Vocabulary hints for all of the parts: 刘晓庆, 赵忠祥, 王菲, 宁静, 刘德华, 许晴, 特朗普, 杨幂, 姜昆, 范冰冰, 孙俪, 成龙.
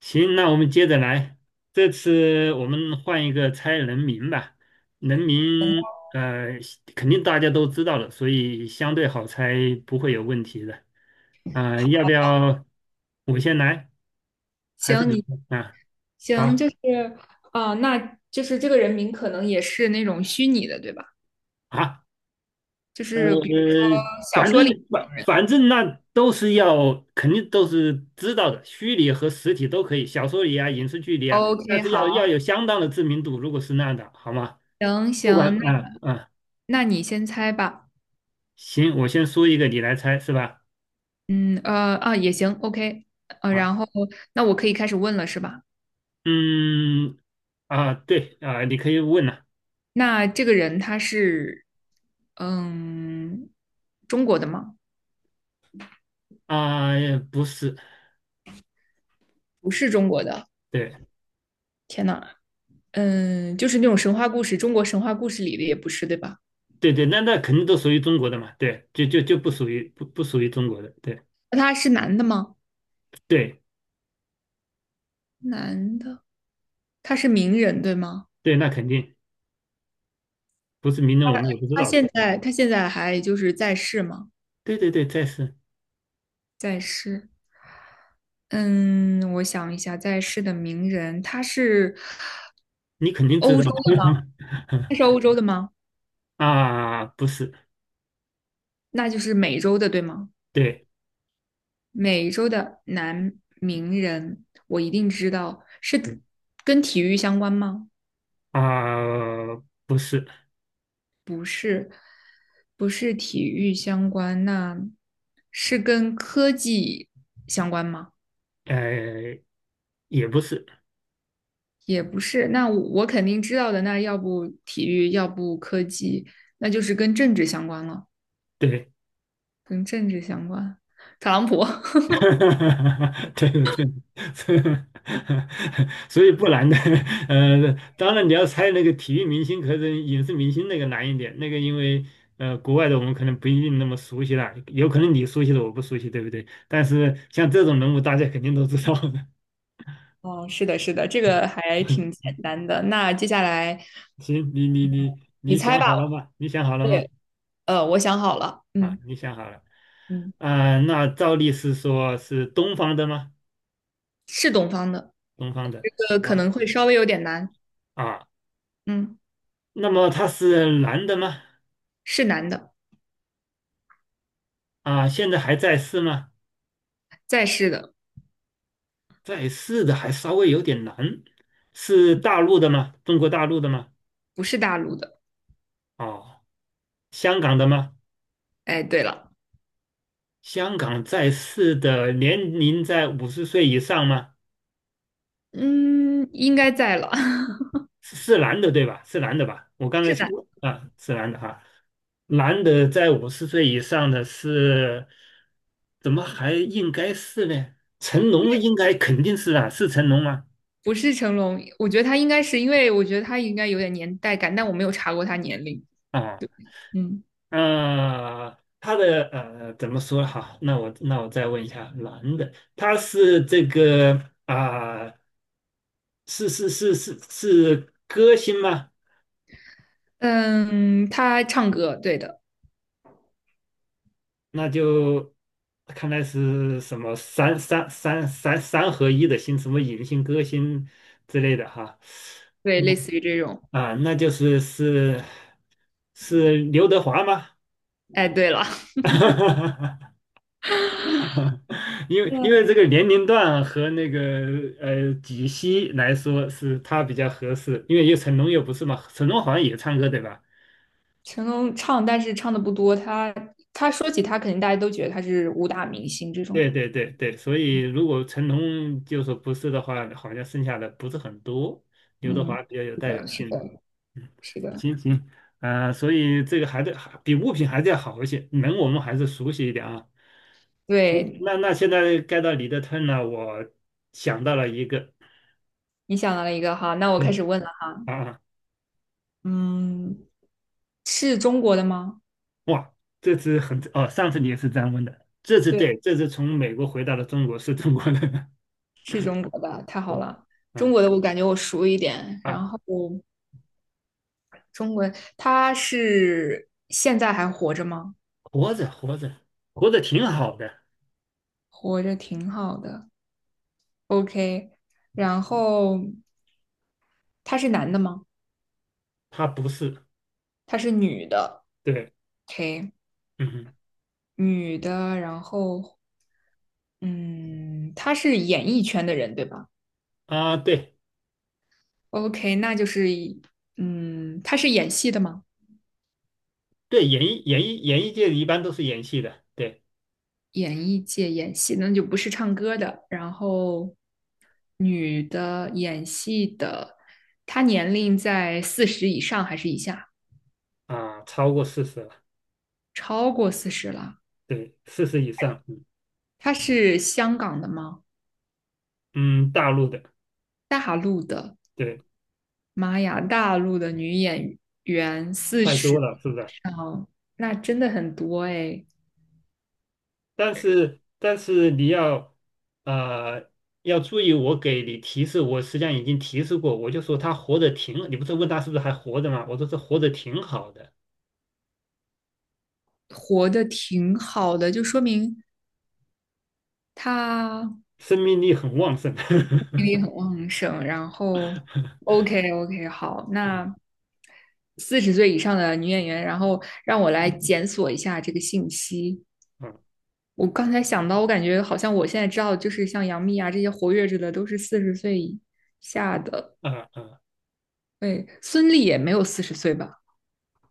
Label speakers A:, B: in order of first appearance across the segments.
A: 行，那我们接着来。这次我们换一个猜人名吧。人名，肯定大家都知道了，所以相对好猜，不会有问题的。啊、要不要我先来，还是
B: 行，
A: 你
B: 你
A: 先啊？
B: 行，
A: 好
B: 就是那就是这个人名可能也是那种虚拟的，对吧？
A: 啊，
B: 就是比如说
A: 呃，
B: 小
A: 反
B: 说
A: 正
B: 里那
A: 反
B: 种人。
A: 反正那都是要，肯定都是知道的，虚拟和实体都可以，小说里啊，影视剧里啊，但
B: OK，
A: 是
B: 好，
A: 要有相当的知名度，如果是那样的，好吗？
B: 行
A: 不管，
B: 行，那
A: 啊啊。
B: 那你先猜吧。
A: 行，我先说一个，你来猜是吧？
B: 嗯，也行，OK，
A: 啊，
B: 然后那我可以开始问了，是吧？
A: 嗯，啊，对啊，你可以问了。
B: 那这个人他是嗯中国的吗？
A: 啊，不是，
B: 不是中国的，
A: 对
B: 天呐。嗯，就是那种神话故事，中国神话故事里的也不是，对吧？
A: 对对，那肯定都属于中国的嘛，对，就不属于不属于中国的，对
B: 那他是男的吗？
A: 对
B: 男的。他是名人，对吗？
A: 对，那肯定不是名人，我们也不知
B: 他
A: 道的，
B: 现在他现在还就是在世吗？
A: 对对对，再是。
B: 在世。嗯，我想一下，在世的名人，
A: 你肯定知道的。
B: 他是欧洲的吗？
A: 啊，不是。
B: 那就是美洲的，对吗？
A: 对。
B: 美洲的男名人，我一定知道，是
A: 嗯。
B: 跟体育相关吗？
A: 啊，不是。
B: 不是体育相关，那是跟科技相关吗？
A: 呃，也不是。
B: 也不是，那我肯定知道的，那要不体育，要不科技，那就是跟政治相关了，
A: 对。
B: 跟政治相关。特朗普。
A: 哈对的，对的，所以不难的。当然你要猜那个体育明星，可能影视明星那个难一点，那个因为呃国外的我们可能不一定那么熟悉了，有可能你熟悉的我不熟悉，对不对？但是像这种人物，大家肯定都知道的。
B: 哦，是的，是的，这个还挺简 单的。那接下来
A: 行，你你你
B: 你
A: 你
B: 猜
A: 想
B: 吧，
A: 好了吗？你想好了
B: 我
A: 吗？
B: 也，我想好了。
A: 啊，
B: 嗯
A: 你想好了。
B: 嗯，
A: 啊、那照例是说是东方的吗？
B: 是东方的，
A: 东方的。
B: 这个
A: 啊，
B: 可能会稍微有点难。
A: 啊，
B: 嗯，
A: 那么他是男的吗？
B: 是男的，
A: 啊，现在还在世吗？
B: 在世的，
A: 在世的还稍微有点难。是大陆的吗？中国大陆的吗？
B: 不是大陆的。
A: 哦，香港的吗？
B: 哎，对了，
A: 香港在世的年龄在五十岁以上吗？
B: 嗯，应该在了。
A: 是男的对吧？是男的吧？我 刚才
B: 是男。
A: 问啊，是男的哈、男的在五十岁以上的是，怎么还应该是呢？成龙应该肯定是啊，是成龙吗？
B: 不是成龙，我觉得他应该是，因为我觉得他应该有点年代感，但我没有查过他年龄。
A: 啊，
B: 嗯，
A: 他的呃怎么说哈？那我再问一下，男的，他是这个啊、是歌星吗？
B: 嗯，他唱歌，对的。
A: 那就看来是什么三合一的星，什么影星、歌星之类的哈。
B: 对，类似于这种。
A: 啊、那就是是刘德华吗？
B: 哎，对了。
A: 因 为因为
B: 嗯，
A: 这个年龄段和那个呃几息来说是他比较合适，因为有成龙又不是嘛，成龙好像也唱歌对吧？
B: 成龙唱，但是唱的不多。他说起他，肯定大家都觉得他是武打明星这种。
A: 对对对对，所以如果成龙就说不是的话，好像剩下的不是很多。刘德
B: 嗯，
A: 华比较有
B: 是
A: 代表
B: 的，是
A: 性的。
B: 的，
A: 嗯，
B: 是的。
A: 行行，所以这个还得还比物品还是要好一些，人我们还是熟悉一点啊。行，
B: 对，
A: 那那现在该到你的 turn 了，我想到了一个。
B: 你想到了一个哈，那我开始
A: 对。
B: 问了。
A: 啊。啊。
B: 嗯，是中国的吗？
A: 哇，这次很哦，上次你也是这样问的，这次
B: 对，
A: 对，这次从美国回到了中国是中国人。
B: 是中国的，太 好
A: 对。
B: 了。中
A: 嗯。
B: 国的我感觉我熟一点，
A: 啊，
B: 然后中文，他是现在还活着吗？
A: 活着活着挺好的。
B: 活着挺好的，OK。然后他是男的吗？
A: 他不是。
B: 他是女的
A: 对。
B: ，OK，
A: 嗯哼。
B: 女的。然后，嗯，他是演艺圈的人，对吧
A: 啊，对
B: ？OK，那就是嗯，他是演戏的吗？
A: 对，演艺演艺界一般都是演戏的，对。
B: 演艺界演戏，那就不是唱歌的。然后，女的演戏的，她年龄在四十以上还是以下？
A: 啊，超过四十了。
B: 超过四十了。
A: 对，四十以上，嗯。
B: 她是香港的吗？
A: 嗯，大陆的。
B: 大陆的，
A: 对。
B: 妈呀，大陆的女演员四
A: 太
B: 十
A: 多
B: 以
A: 了，是不是？
B: 上，那真的很多哎。
A: 但是你要呃要注意，我给你提示，我实际上已经提示过，我就说他活得挺，你不是问他是不是还活着吗？我说是活得挺好的，
B: 活得挺好的，就说明她
A: 生命力很旺盛。
B: 精力很旺盛。然后，OK OK，好，那
A: 嗯
B: 四十岁以上的女演员，然后让我来检索一下这个信息。
A: 嗯
B: 我刚才想到，我感觉好像我现在知道，就是像杨幂啊这些活跃着的，都是四十岁以下的。
A: 啊啊。
B: 对，孙俪也没有四十岁吧？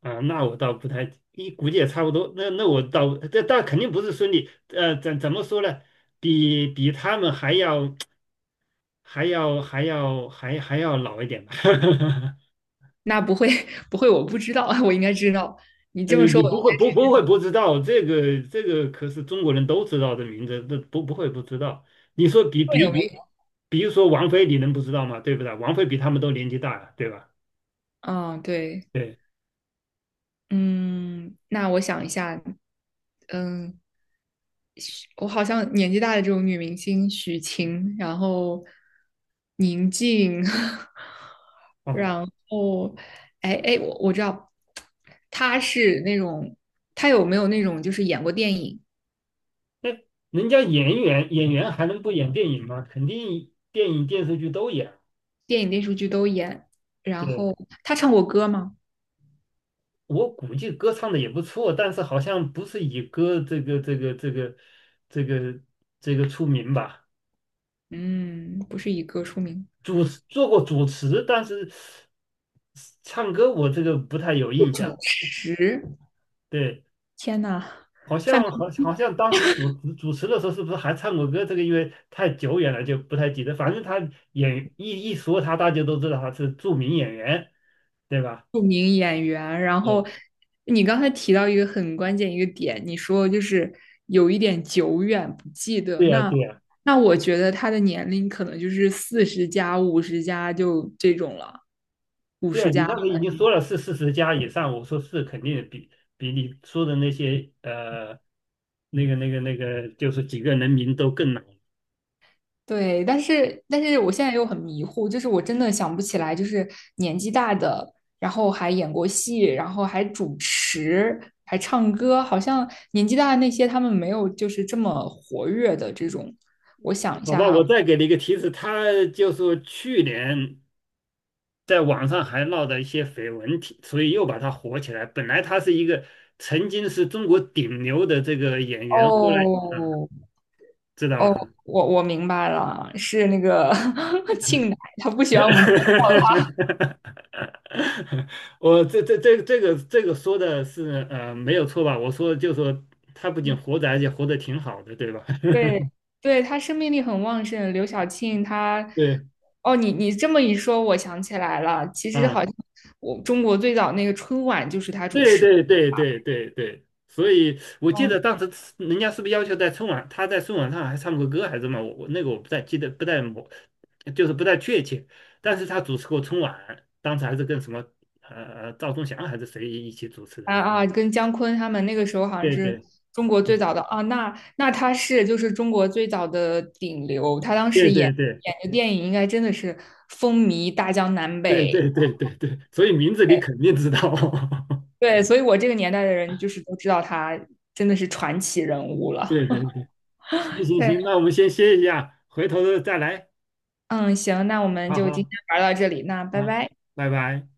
A: 啊，那我倒不太，一估计也差不多。那我倒，这但肯定不是孙俪，呃，怎么说呢？比他们还要 还要老一点吧。
B: 那不会 不会，我不知道，我应该知道。你
A: 呃，
B: 这么说，
A: 你
B: 我应
A: 不会不知道，这个这个可是中国人都知道的名字，这不会不知道。你说比
B: 该会
A: 比
B: 有名。
A: 比，比如说王菲，你能不知道吗？对不对？王菲比他们都年纪大呀，对吧？
B: 嗯，对。
A: 对。
B: 嗯，那我想一下。嗯，我好像年纪大的这种女明星，许晴，然后宁静，
A: 哦，
B: 然后，哎哎，我知道，她是那种，她有没有那种就是演过电影、
A: 那人家演员还能不演电影吗？肯定电影电视剧都演。
B: 电影、电视剧都演，然
A: 对，
B: 后她唱过歌吗？
A: 我估计歌唱的也不错，但是好像不是以歌这个这个出名吧？
B: 嗯，不是以歌出名。
A: 主持做过主持，但是唱歌我这个不太有印
B: 主
A: 象。
B: 持，
A: 对，
B: 天呐，
A: 好
B: 范
A: 像好
B: 冰
A: 好像当时主持的时候是不是还唱过歌？这个因为太久远了就不太记得。反正他演一说他，大家都知道他是著名演员，对吧？
B: 冰著名演员。然后
A: 对，
B: 你刚才提到一个很关键一个点，你说就是有一点久远不记得。
A: 对呀对呀
B: 那我觉得他的年龄可能就是四十加、五十加就这种了，五
A: 对呀，
B: 十
A: 你
B: 加。
A: 刚才已经说了是四十加以上，我说是肯定比你说的那些呃那个就是几个人名都更难。
B: 对，但是我现在又很迷糊，就是我真的想不起来，就是年纪大的，然后还演过戏，然后还主持，还唱歌，好像年纪大的那些他们没有就是这么活跃的这种。我想一
A: 好
B: 下
A: 吧，
B: 哈。
A: 我再给你一个提示，他就是去年在网上还闹的一些绯闻体，所以又把他火起来。本来他是一个曾经是中国顶流的这个演员，后来啊，
B: 哦
A: 知道
B: 哦，
A: 了哈。
B: 我明白了，是那个 庆奶，他不 喜欢我们。
A: 我这个说的是呃没有错吧？我说就说他不仅活着，而且活得挺好的，对吧？
B: 对，对，他生命力很旺盛。刘晓庆他
A: 对。
B: 哦，你你这么一说，我想起来了，其实好
A: 啊。
B: 像我中国最早那个春晚就是他主
A: 对
B: 持的。
A: 对对对对对，所以我记
B: 哦，
A: 得当时人家是不是要求在春晚，他在春晚上还唱过歌还是什么？我我那个我不太记得，不太我就是不太确切。但是他主持过春晚，当时还是跟什么赵忠祥还是谁一起主持的。
B: 跟姜昆他们那个时候好像
A: 对
B: 是
A: 对
B: 中国最
A: 对
B: 早的啊，那他是就是中国最早的顶流，他当
A: 对
B: 时
A: 对对
B: 演的电影应该真的是风靡大江南
A: 对
B: 北。
A: 对对对对，所以名字你肯定知道。
B: 对，所以我这个年代的人就是都知道他真的是传奇人物了。
A: 对，行行
B: 对。
A: 行，那我们先歇一下，回头再来。
B: 嗯，行，那我们
A: 好
B: 就今
A: 好
B: 天玩到这里，那拜
A: 好，
B: 拜。
A: 拜拜。